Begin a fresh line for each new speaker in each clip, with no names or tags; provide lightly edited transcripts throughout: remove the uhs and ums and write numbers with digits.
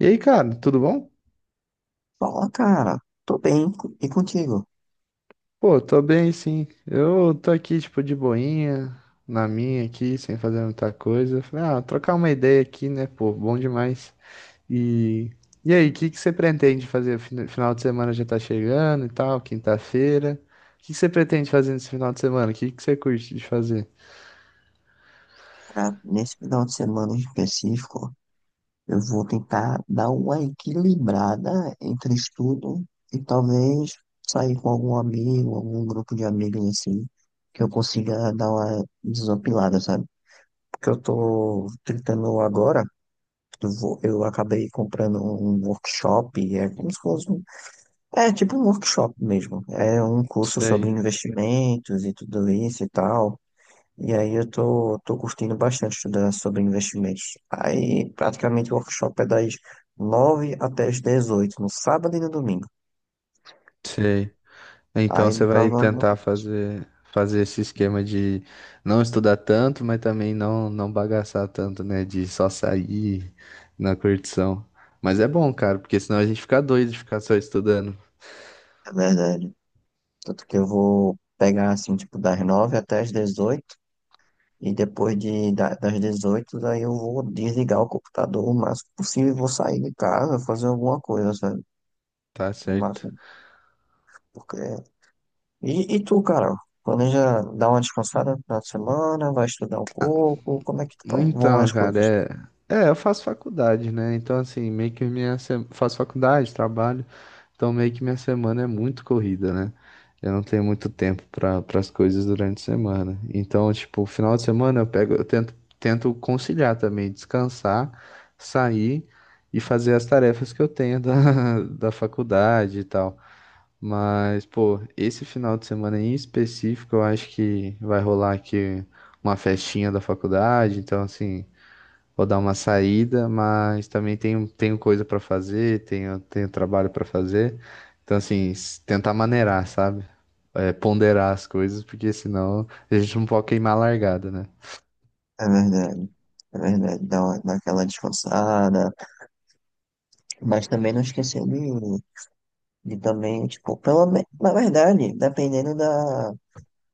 E aí, cara, tudo bom?
Fala, cara. Tô bem. E contigo?
Pô, tô bem, sim. Eu tô aqui, tipo, de boinha, na minha aqui, sem fazer muita coisa. Falei, ah, trocar uma ideia aqui, né, pô, bom demais. E, e aí, o que que você pretende fazer? Final de semana já tá chegando e tal, quinta-feira. O que que você pretende fazer nesse final de semana? O que que você curte de fazer?
Cara, nesse final de semana em específico, eu vou tentar dar uma equilibrada entre estudo e talvez sair com algum amigo, algum grupo de amigos assim, que eu consiga dar uma desopilada, sabe? Porque eu tô tentando agora. Eu acabei comprando um workshop, é como se fosse um, é tipo um workshop mesmo. É um curso sobre
Sei,
investimentos e tudo isso e tal. E aí eu tô curtindo bastante estudar sobre investimentos. Aí praticamente o workshop é das 9h até as 18h no sábado e no domingo.
sei. Então
Aí no
você
final
vai
do ano,
tentar fazer esse esquema de não estudar tanto, mas também não bagaçar tanto, né? De só sair na curtição. Mas é bom, cara, porque senão a gente fica doido de ficar só estudando,
é verdade. Tanto que eu vou pegar assim, tipo, das 9h até as 18 e depois das 18h daí eu vou desligar o computador o máximo possível e vou sair de casa, fazer alguma coisa, sabe?
tá
O
certo?
máximo, porque... E tu, Carol? Planeja dar uma descansada no final de semana, vai estudar um pouco, como é que vão
Então,
as
cara,
coisas?
é. É, eu faço faculdade, né? Então, assim, meio que minha. Faço faculdade, trabalho. Então, meio que minha semana é muito corrida, né? Eu não tenho muito tempo para as coisas durante a semana. Então, tipo, final de semana eu pego, eu tento conciliar também, descansar, sair e fazer as tarefas que eu tenho da, da faculdade e tal. Mas, pô, esse final de semana em específico, eu acho que vai rolar aqui uma festinha da faculdade, então assim, vou dar uma saída, mas também tenho coisa pra fazer, tenho trabalho pra fazer. Então, assim, tentar maneirar, sabe? É, ponderar as coisas, porque senão a gente não pode queimar a largada, né?
É verdade, é verdade, dá aquela descansada, mas também não esquecer de também, tipo, pela menos, na verdade, dependendo da,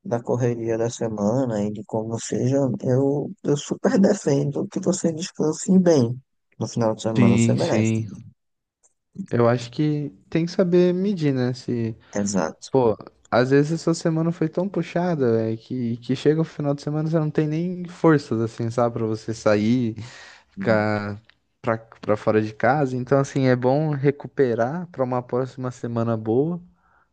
da correria da semana e de como seja, eu super defendo que você descanse bem no final de semana, você
Sim,
merece.
sim. Eu acho que tem que saber medir, né? Se
Exato,
pô, às vezes a sua semana foi tão puxada, velho, que chega o final de semana você não tem nem forças, assim, sabe, pra você sair, ficar pra fora de casa. Então, assim, é bom recuperar pra uma próxima semana boa,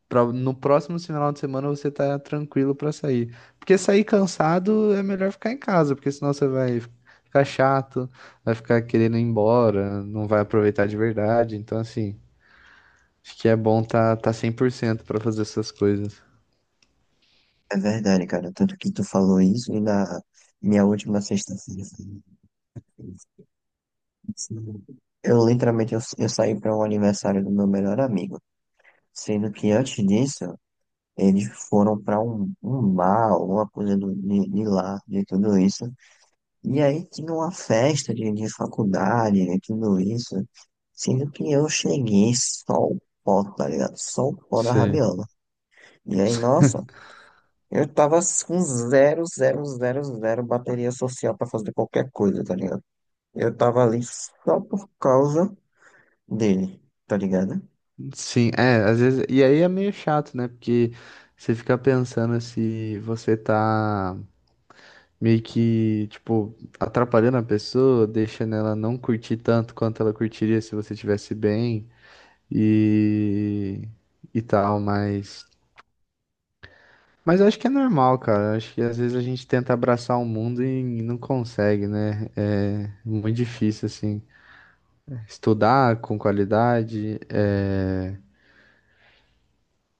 pra no próximo final de semana você tá tranquilo pra sair. Porque sair cansado é melhor ficar em casa, porque senão você vai ficar chato, vai ficar querendo ir embora, não vai aproveitar de verdade. Então, assim, acho que é bom tá 100% pra fazer essas coisas.
é verdade, cara, tanto que tu falou isso e na minha última sexta-feira, eu literalmente, eu saí para um aniversário do meu melhor amigo, sendo que antes disso, eles foram para um bar, alguma coisa de lá, de tudo isso. E aí tinha uma festa de faculdade, de tudo isso. Sendo que eu cheguei só o pó, tá ligado? Só o pó da
Sei.
rabiola. E aí, nossa, eu tava com zero, zero, zero, zero bateria social pra fazer qualquer coisa, tá ligado? Eu tava ali só por causa dele, tá ligado?
Sim, é, às vezes. E aí é meio chato, né? Porque você fica pensando se você tá meio que, tipo, atrapalhando a pessoa, deixando ela não curtir tanto quanto ela curtiria se você tivesse bem e, e tal, mas. Mas eu acho que é normal, cara. Eu acho que às vezes a gente tenta abraçar o mundo e não consegue, né? É muito difícil, assim. Estudar com qualidade, é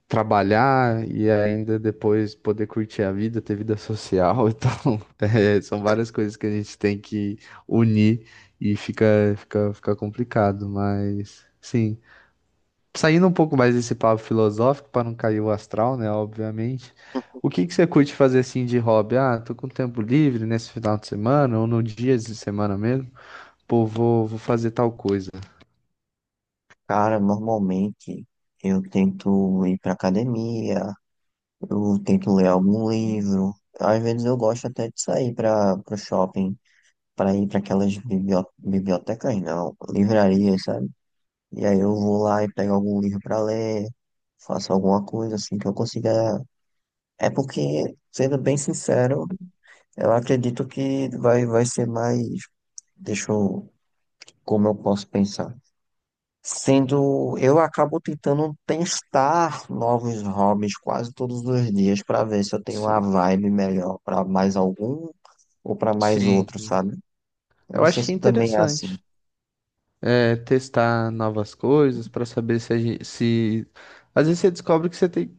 trabalhar e ainda depois poder curtir a vida, ter vida social e tal. É, são várias coisas que a gente tem que unir e fica complicado, mas sim. Saindo um pouco mais desse papo filosófico, para não cair o astral, né? Obviamente. O que que você curte fazer assim de hobby? Ah, tô com tempo livre nesse final de semana ou no dia de semana mesmo. Pô, vou fazer tal coisa.
Cara, normalmente eu tento ir pra academia. Eu tento ler algum livro. Às vezes eu gosto até de sair para o shopping, para ir para aquelas bibliotecas, não, livrarias, sabe? E aí eu vou lá e pego algum livro para ler, faço alguma coisa assim que eu consiga. É porque, sendo bem sincero, eu acredito que vai ser mais. Deixa eu. Como eu posso pensar? Sendo, eu acabo tentando testar novos hobbies quase todos os dias para ver se eu tenho uma
Sim.
vibe melhor para mais algum ou para mais
Sim.
outro, sabe? Eu
Eu
não sei
acho que é
se também é assim,
interessante. É, testar novas coisas para saber se, a gente, se às vezes você descobre que você tem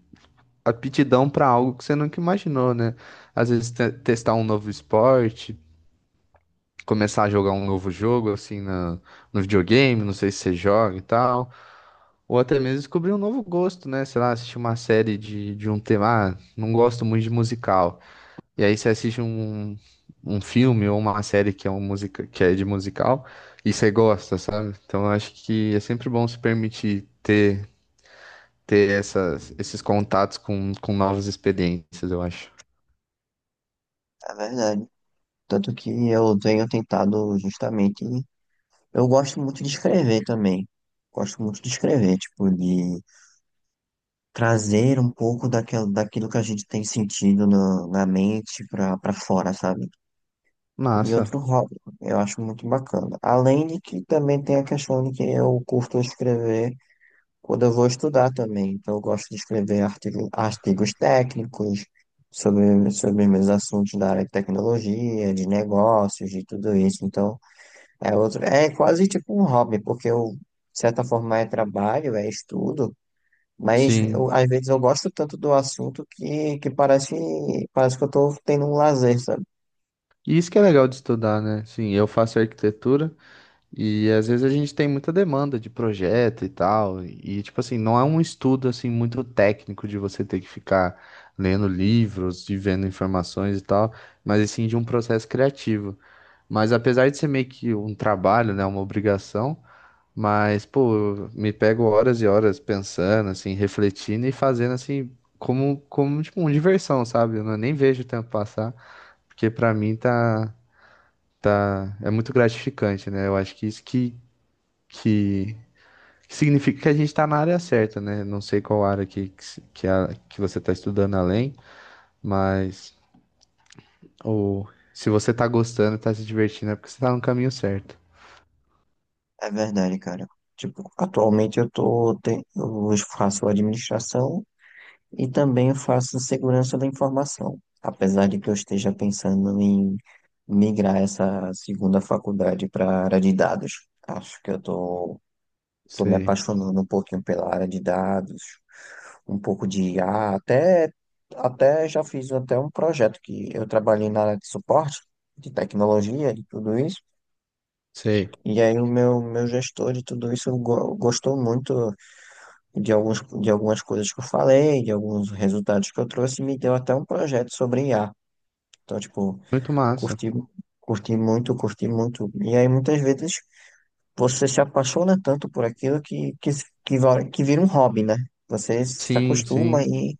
aptidão para algo que você nunca imaginou, né? Às vezes testar um novo esporte, começar a jogar um novo jogo assim na, no videogame, não sei se você joga e tal, ou até mesmo descobrir um novo gosto, né? Sei lá, assistir uma série de um tema, ah, não gosto muito de musical. E aí você assiste um, um filme ou uma série que é, um musica, que é de musical e você gosta, sabe? Então eu acho que é sempre bom se permitir ter, ter essas, esses contatos com novas experiências, eu acho.
é verdade. Tanto que eu tenho tentado justamente. Eu gosto muito de escrever também. Gosto muito de escrever, tipo, de trazer um pouco daquilo, daquilo que a gente tem sentido na mente para fora, sabe? E
Massa,
outro hobby. Eu acho muito bacana. Além de que também tem a questão de que eu curto escrever quando eu vou estudar também. Então, eu gosto de escrever artigo, artigos técnicos sobre, sobre meus assuntos da área de tecnologia, de negócios, de tudo isso. Então, é outro, é quase tipo um hobby, porque eu, de certa forma, é trabalho, é estudo. Mas
sim.
eu, às vezes eu gosto tanto do assunto que parece, parece que eu estou tendo um lazer, sabe?
E isso que é legal de estudar, né? Sim, eu faço arquitetura. E às vezes a gente tem muita demanda de projeto e tal, e tipo assim, não é um estudo assim muito técnico de você ter que ficar lendo livros e vendo informações e tal, mas assim de um processo criativo. Mas apesar de ser meio que um trabalho, né, uma obrigação, mas pô, eu me pego horas e horas pensando, assim, refletindo e fazendo assim como tipo uma diversão, sabe? Eu não- Nem vejo o tempo passar, porque pra mim tá é muito gratificante, né? Eu acho que isso que significa que a gente está na área certa, né? Não sei qual área que você está estudando além, mas o, se você está gostando, está se divertindo, é porque você está no caminho certo.
É verdade, cara. Tipo, atualmente eu faço administração e também faço segurança da informação. Apesar de que eu esteja pensando em migrar essa segunda faculdade para a área de dados. Acho que eu tô me
Sei,
apaixonando um pouquinho pela área de dados, um pouco de IA, até já fiz até um projeto que eu trabalhei na área de suporte, de tecnologia, de tudo isso.
sei.
E aí o meu gestor de tudo isso gostou muito de alguns, de algumas coisas que eu falei, de alguns resultados que eu trouxe, e me deu até um projeto sobre IA. Então, tipo,
Muito massa.
curti, curti muito, curti muito. E aí muitas vezes você se apaixona tanto por aquilo que vira um hobby, né? Você se
Sim,
acostuma
sim.
e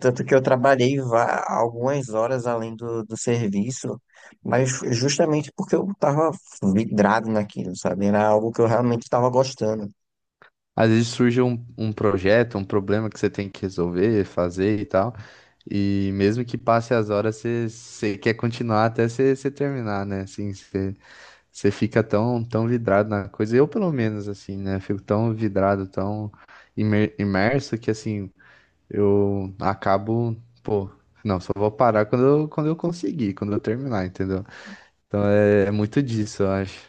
tanto que eu trabalhei algumas horas além do serviço, mas justamente porque eu estava vidrado naquilo, sabe? Era algo que eu realmente estava gostando.
Às vezes surge um, um projeto, um problema que você tem que resolver, fazer e tal. E mesmo que passe as horas, você, você quer continuar até você terminar, né? Assim, você você fica tão vidrado na coisa. Eu, pelo menos, assim, né? Fico tão vidrado, tão imerso que, assim, eu acabo, pô, não, só vou parar quando eu conseguir, quando eu terminar, entendeu? Então é, é muito disso, eu acho.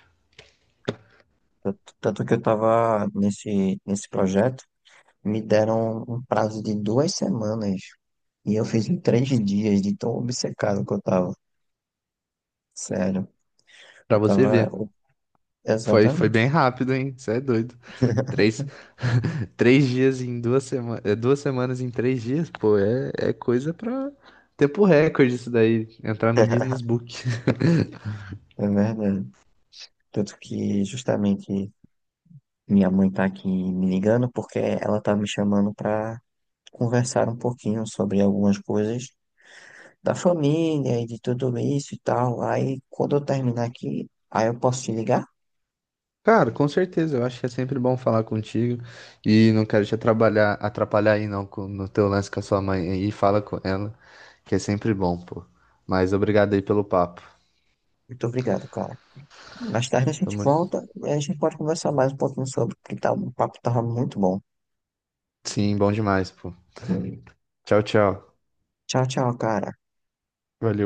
Tanto que eu estava nesse projeto, me deram um prazo de 2 semanas e eu fiz em 3 dias de tão obcecado que eu estava. Sério, eu
Pra você
estava.
ver. Foi, foi
Exatamente.
bem rápido, hein? Você é doido. Três, três dias em duas semanas. Duas semanas em três dias, pô, é, é coisa pra tempo recorde isso daí. Entrar no Guinness Book.
É verdade. Tanto que justamente minha mãe tá aqui me ligando porque ela tá me chamando pra conversaram um pouquinho sobre algumas coisas da família e de tudo isso e tal. Aí, quando eu terminar aqui, aí eu posso te ligar?
Cara, com certeza, eu acho que é sempre bom falar contigo e não quero te atrapalhar, atrapalhar aí não no teu lance com a sua mãe aí, fala com ela, que é sempre bom, pô. Mas obrigado aí pelo papo.
Muito obrigado, cara. Mais tarde a gente
Tamo-
volta e a gente pode conversar mais um pouquinho sobre, porque tá, o papo tava muito bom.
Sim, bom demais, pô. Tchau, tchau.
Tchau, tchau, cara.
Valeu.